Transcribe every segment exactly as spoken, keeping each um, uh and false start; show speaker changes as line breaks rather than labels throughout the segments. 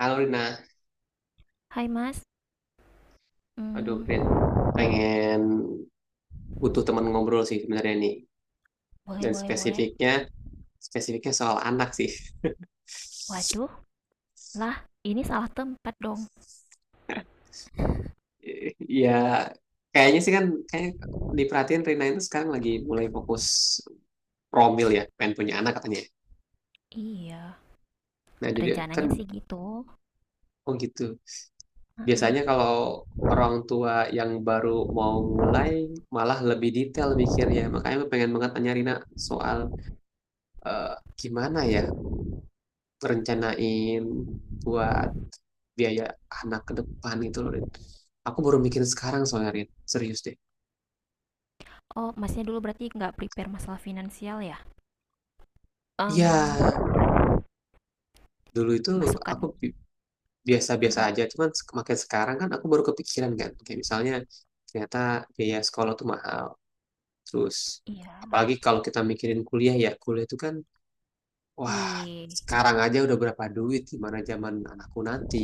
Halo Rina,
Hai Mas,
aduh Rin,
mmm,
pengen butuh teman ngobrol sih sebenarnya nih.
boleh
Dan
boleh boleh.
spesifiknya, spesifiknya soal anak sih.
Waduh, lah ini salah tempat dong.
Ya kayaknya sih kan, kayak diperhatiin Rina itu sekarang lagi mulai fokus promil ya, pengen punya anak katanya.
Iya,
Nah jadi kan,
rencananya sih gitu,
oh gitu.
heeh.
Biasanya kalau orang tua yang baru mau mulai, malah lebih detail mikirnya. Makanya gue pengen banget tanya Rina soal eh, gimana ya rencanain buat biaya anak ke depan itu loh Rit. Aku baru mikir sekarang soalnya Rit. Serius deh.
Oh, Masnya dulu berarti nggak prepare masalah finansial ya? Mmm,
Ya dulu itu
masukan.
aku bi- biasa-biasa
Heeh,
aja, cuman sek- makin sekarang kan aku baru kepikiran kan, kayak misalnya ternyata biaya sekolah tuh mahal, terus
iya.
apalagi kalau kita mikirin kuliah ya kuliah itu kan, wah
Wih,
sekarang aja udah berapa duit, gimana zaman anakku nanti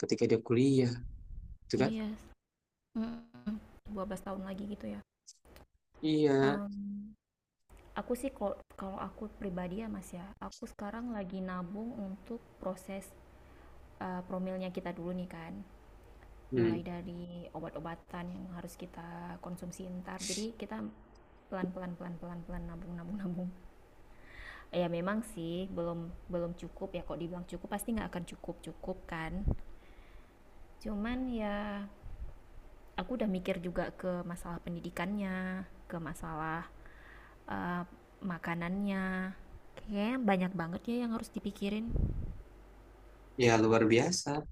ketika dia kuliah, itu kan?
iya, Mm, dua belas tahun lagi gitu ya?
Iya,
Mmm, aku sih kalau kalau aku pribadi ya Mas ya, aku sekarang lagi nabung untuk proses, eee, promilnya kita dulu nih kan.
hmm,
Mulai dari obat-obatan yang harus kita konsumsi ntar, jadi kita pelan-pelan pelan-pelan pelan nabung nabung nabung. Ya memang sih belum belum cukup. Ya kok dibilang cukup, pasti nggak akan cukup cukup kan. Cuman ya, aku udah mikir juga ke masalah pendidikannya, ke masalah eh, makanannya. Kayaknya banyak banget ya yang harus dipikirin.
ya luar biasa.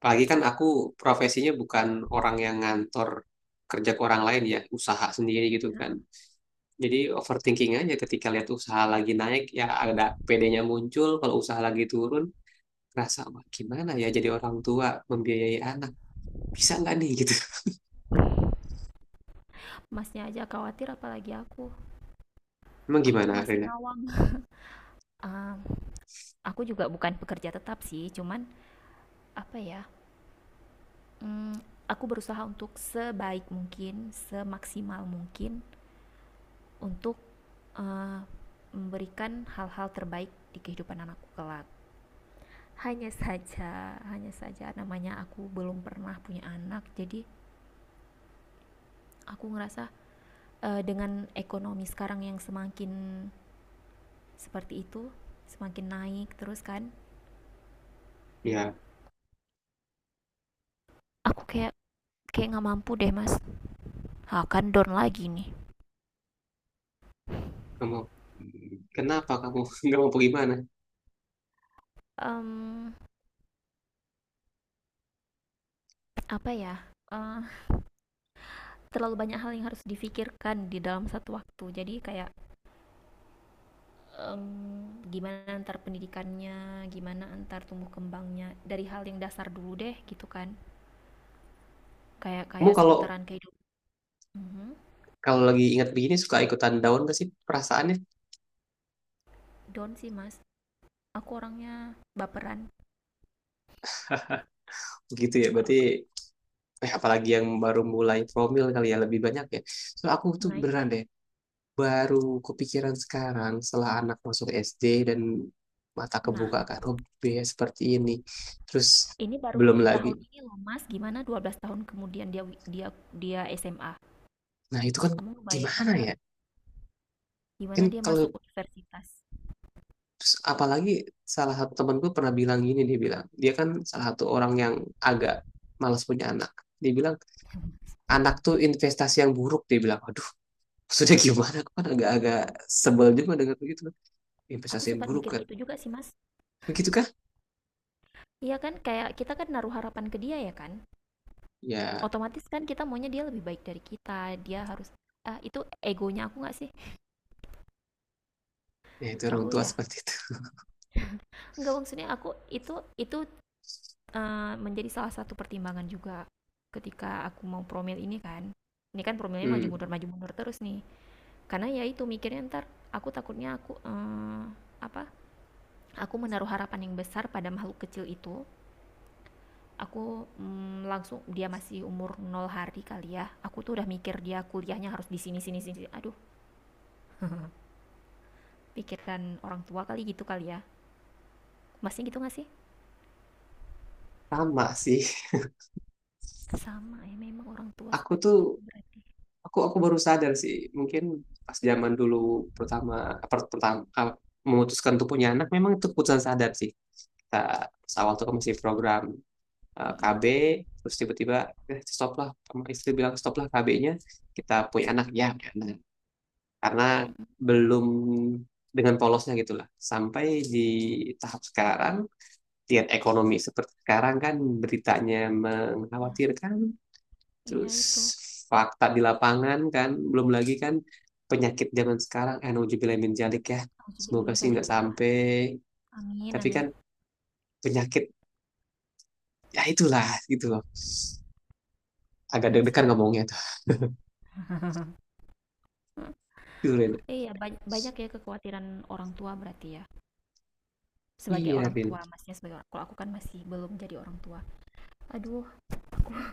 Apalagi kan aku profesinya bukan orang yang ngantor kerja ke orang lain ya, usaha sendiri gitu kan.
Ya,
Jadi overthinking aja ketika lihat usaha lagi naik ya ada P D-nya muncul, kalau usaha lagi turun rasa, "Wah, gimana ya jadi orang tua membiayai anak. Bisa nggak nih gitu."
masnya aja khawatir apalagi aku.
Emang
Aku
gimana
masih
Rena?
ngawang. Ah, aku juga bukan pekerja tetap sih, cuman apa ya. Mmm, aku berusaha untuk sebaik mungkin, semaksimal mungkin untuk, eee, memberikan hal-hal terbaik di kehidupan anakku kelak. Hanya saja hanya saja namanya aku belum pernah punya anak, jadi aku ngerasa, eee, dengan ekonomi sekarang yang semakin seperti itu, semakin naik terus kan,
Ya,
aku kayak kayak nggak mampu deh Mas. Akan down lagi nih.
kamu kenapa kamu nggak mau gimana?
Um, Apa ya, eee terlalu banyak hal yang harus difikirkan di dalam satu waktu, jadi kayak em, gimana antar pendidikannya, gimana antar tumbuh kembangnya. Dari hal yang dasar dulu deh gitu kan, kayak
Kamu
kayak
kalau
seputaran kehidupan. Mhm.
kalau lagi ingat begini suka ikutan down gak sih perasaannya?
Down sih mas. Aku orangnya baperan.
Gitu ya, berarti eh apalagi yang baru mulai promil kali ya lebih banyak ya. So aku tuh
Naik.
beneran deh baru kepikiran sekarang setelah anak masuk S D dan mata
Nah,
kebuka kan, oh biaya seperti ini. Terus
ini baru
belum
di
lagi.
tahun ini loh mas, gimana dua belas tahun kemudian dia wi- dia dia S M A.
Nah itu kan
Kamu ngebayangin
gimana
nggak
ya?
gimana
Kan
dia masuk
kalau
universitas?
apalagi salah satu temanku pernah bilang gini, dia bilang dia kan salah satu orang yang agak malas punya anak. Dia bilang anak tuh investasi yang buruk. Dia bilang aduh sudah gimana? Aku kan agak-agak sebel juga dengar begitu kan.
Aku
Investasi yang
sempat
buruk
mikir
kan.
gitu juga sih mas.
Begitukah?
Iya kan, kayak kita kan naruh harapan ke dia ya kan.
Ya,
Otomatis kan kita maunya dia lebih baik dari kita, dia harus ah, itu egonya aku nggak sih?
ya itu orang
Ego
tua
ya?
seperti itu.
Nggak, maksudnya aku itu itu uh, menjadi salah satu pertimbangan juga ketika aku mau promil ini kan. Ini kan promilnya maju
Hmm.
mundur maju mundur terus nih. Karena ya itu mikirnya ntar, aku takutnya aku eh, apa? Aku menaruh harapan yang besar pada makhluk kecil itu. Aku mm, langsung dia masih umur nol hari kali ya. Aku tuh udah mikir dia kuliahnya harus di sini sini sini. Aduh, pikirkan orang tua kali gitu kali ya. Masih gitu nggak sih?
Sama sih.
Sama ya, memang orang tua
Aku
seperti
tuh
itu berarti.
aku aku baru sadar sih, mungkin pas zaman dulu pertama apa, pertama ah, memutuskan untuk punya anak memang itu keputusan sadar sih. Kita pas awal tuh kan masih program eh,
Mhm,
K B terus tiba-tiba eh, stop lah, sama istri bilang stop lah K B-nya, kita punya anak ya punya anak. Karena
mhm.
belum, dengan polosnya gitulah sampai di tahap sekarang lihat ekonomi seperti sekarang kan beritanya
Nah,
mengkhawatirkan,
iya
terus
itu.
fakta di lapangan kan, belum lagi kan penyakit zaman sekarang, eh nauzubillah min dzalik ya,
Nauzubillah
semoga
min
sih
dzalik,
nggak
Pak, Pak.
sampai,
Amin
tapi kan
amin.
penyakit, ya itulah gitu loh. Agak
Iya sih,
deg-degan
man.
ngomongnya tuh,
Heeh.
gitu, Rin.
Iya, ba banyak ya kekhawatiran orang tua berarti ya? Sebagai
Iya,
orang
Rin.
tua, Masnya sebagai orang, kalau aku kan masih belum jadi orang tua. Aduh,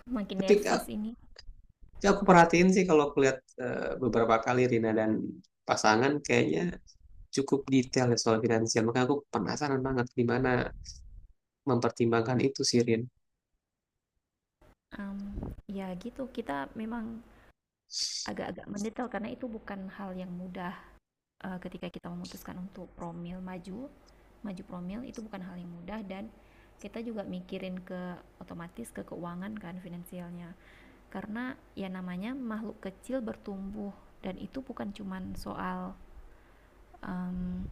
makin
Tapi
nervous
ka-
ini.
aku perhatiin sih kalau aku lihat eh, beberapa kali Rina dan pasangan kayaknya cukup detail ya soal finansial. Makanya aku penasaran banget gimana mempertimbangkan itu sih, Rin.
Mmm, Ya gitu, kita memang agak-agak mendetail karena itu bukan hal yang mudah, eee, ketika kita memutuskan untuk promil maju maju promil itu bukan hal yang mudah. Dan kita juga mikirin ke otomatis ke keuangan kan, finansialnya karena ya namanya makhluk kecil bertumbuh. Dan itu bukan cuman soal um,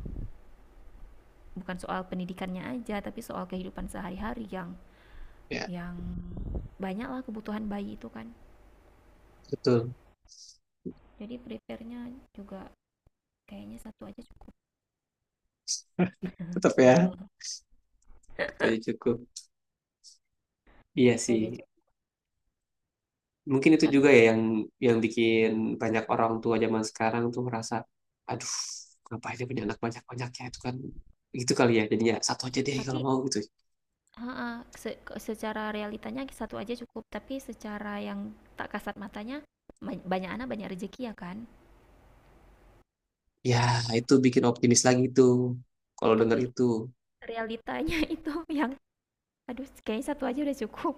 bukan soal pendidikannya aja, tapi soal kehidupan sehari-hari yang
Ya,
yang banyak lah kebutuhan bayi itu kan.
betul.
Jadi prepare-nya juga kayaknya satu aja cukup.
Tetap ya, saya cukup. Iya
Satu aja
sih.
cukup,
Mungkin itu juga
karena
ya yang yang bikin banyak orang tua zaman sekarang tuh merasa, aduh, ngapain dia punya anak banyak-banyak ya itu kan gitu kali ya. Jadinya satu aja deh kalau
tapi.
mau gitu.
Heeh, se- ke- secara realitanya satu aja cukup, tapi secara yang tak kasat matanya, ba- banyak anak banyak rezeki ya kan.
Ya, itu bikin optimis lagi tuh. Kalau dengar
Tapi
itu
realitanya itu yang aduh, kayaknya satu aja udah cukup.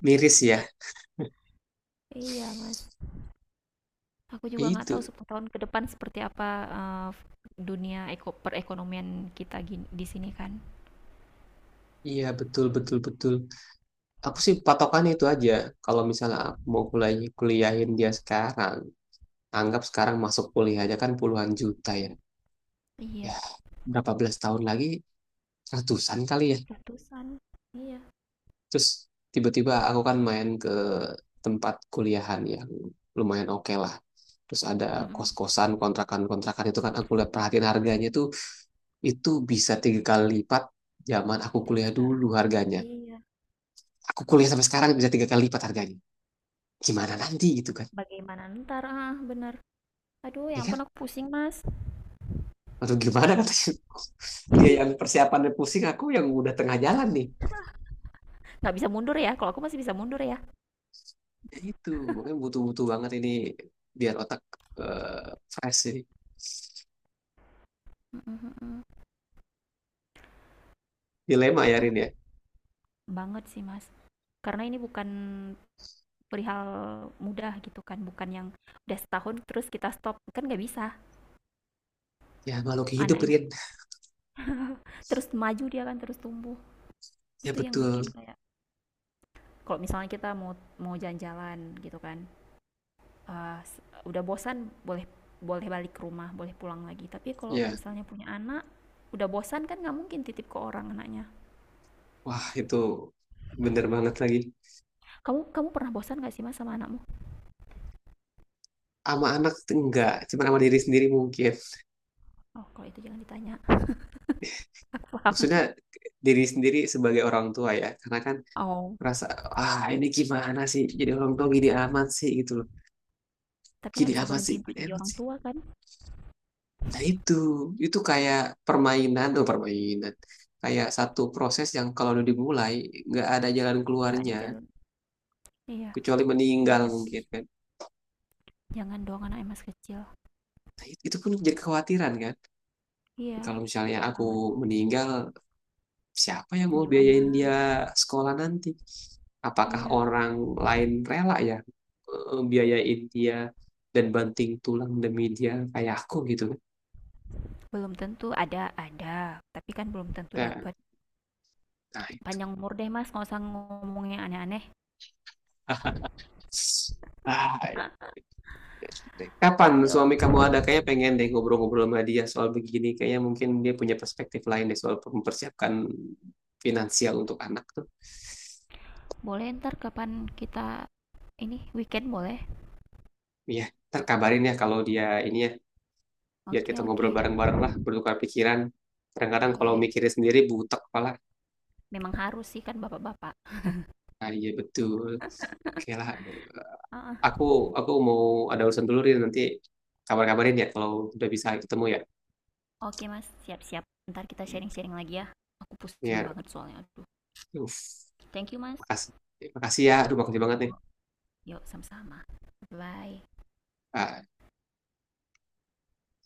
miris ya.
Iya, Mas. Aku
Ya
juga nggak tahu
itu.
sepuluh tahun ke depan seperti apa, eh, dunia eko perekonomian kita gin- di sini kan.
Iya, betul betul betul. Aku sih patokannya itu aja. Kalau misalnya aku mau kuliah kuliahin dia sekarang, anggap sekarang masuk kuliah aja kan puluhan juta ya. Ya
Iya,
berapa belas tahun lagi ratusan kali ya,
ratusan. Iya.
terus tiba-tiba aku kan main ke tempat kuliahan yang lumayan oke lah, terus ada
Mm-mm.
kos-kosan kontrakan-kontrakan itu kan aku lihat perhatiin harganya tuh itu bisa tiga kali lipat zaman aku
Dari
kuliah
sekarang.
dulu harganya,
Iya.
aku kuliah sampai sekarang bisa tiga kali lipat harganya, gimana nanti gitu kan
Bagaimana ntar? Ah, benar. Aduh,
ya
yang
kan
pun aku pusing, Mas.
aduh gimana katanya dia yang persiapannya pusing aku yang udah tengah jalan nih.
Nggak bisa mundur ya, kalau aku masih bisa mundur ya.
Ya itu mungkin butuh-butuh banget ini biar otak eh, fresh ini.
Mm-mm-mm.
Dilema ya Rin ya.
Banget sih mas, karena ini bukan perihal mudah gitu kan, bukan yang udah setahun terus kita stop kan nggak bisa.
Ya makhluk hidup
Anak em-
Rin.
terus maju, dia kan terus tumbuh.
Ya
Itu yang bikin
betul.
kayak kalau misalnya kita mau mau jalan-jalan gitu kan, eh, s- udah bosan boleh, boleh balik ke rumah, boleh pulang lagi. Tapi kalau
Ya
misalnya punya anak udah bosan kan nggak mungkin titip ke orang anaknya.
wah itu bener banget lagi.
Kamu kamu pernah bosan nggak sih mas sama anakmu?
Sama anak tuh enggak, cuma sama diri sendiri mungkin.
Oh, kalau itu jangan ditanya. Paham.
Maksudnya diri sendiri sebagai orang tua ya. Karena kan
Oh.
merasa ah ini gimana sih jadi orang tua gini amat sih gitu loh.
Tapi
Gini
nggak bisa
amat
berhenti
sih,
untuk
gini
jadi
amat
orang
sih.
tua kan,
Nah itu, itu kayak permainan tuh permainan. Kayak satu proses yang kalau udah dimulai nggak ada jalan
nggak
keluarnya
ada jalan. Iya,
kecuali
nggak
meninggal
ada
mungkin
finish.
kan.
Jangan dong anak emas kecil.
Nah, it- itu pun jadi kekhawatiran kan.
Iya,
Kalau misalnya aku
banget.
meninggal, siapa yang mau
Gimana?
biayain dia sekolah nanti? Apakah
Iya,
orang lain rela ya eh, biayain dia dan banting tulang demi dia kayak aku gitu kan?
belum tentu ada ada, tapi kan belum tentu
Nah,
dapat.
nah itu.
Panjang umur deh mas, nggak usah ngomongnya aneh-aneh.
Ah, deh. Kapan suami
Aduh,
kamu ada? Kayaknya pengen deh ngobrol-ngobrol sama dia soal begini. Kayaknya mungkin dia punya perspektif lain deh soal mempersiapkan finansial untuk anak tuh.
boleh ntar kapan kita, ini weekend boleh?
Iya, ntar kabarin ya kalau dia ini ya, biar
Oke
kita
oke,
ngobrol bareng-bareng lah, bertukar pikiran. Kadang-kadang kalau
boleh.
mikirin sendiri butek kepala.
Memang harus sih kan bapak-bapak.
Ah iya betul. Oke lah,
Ah, ah.
aku aku mau ada urusan dulu Rin, nanti kabar-kabarin ya kalau udah bisa ketemu ya.
Oke mas, siap-siap. Ntar kita
Ya,
sharing-sharing lagi ya. Aku pusing
ya.
banget soalnya. Aduh,
Uf,
thank you mas.
makasih. Makasih ya, aduh makasih banget nih.
Yuk, sama-sama. Bye.
Ah,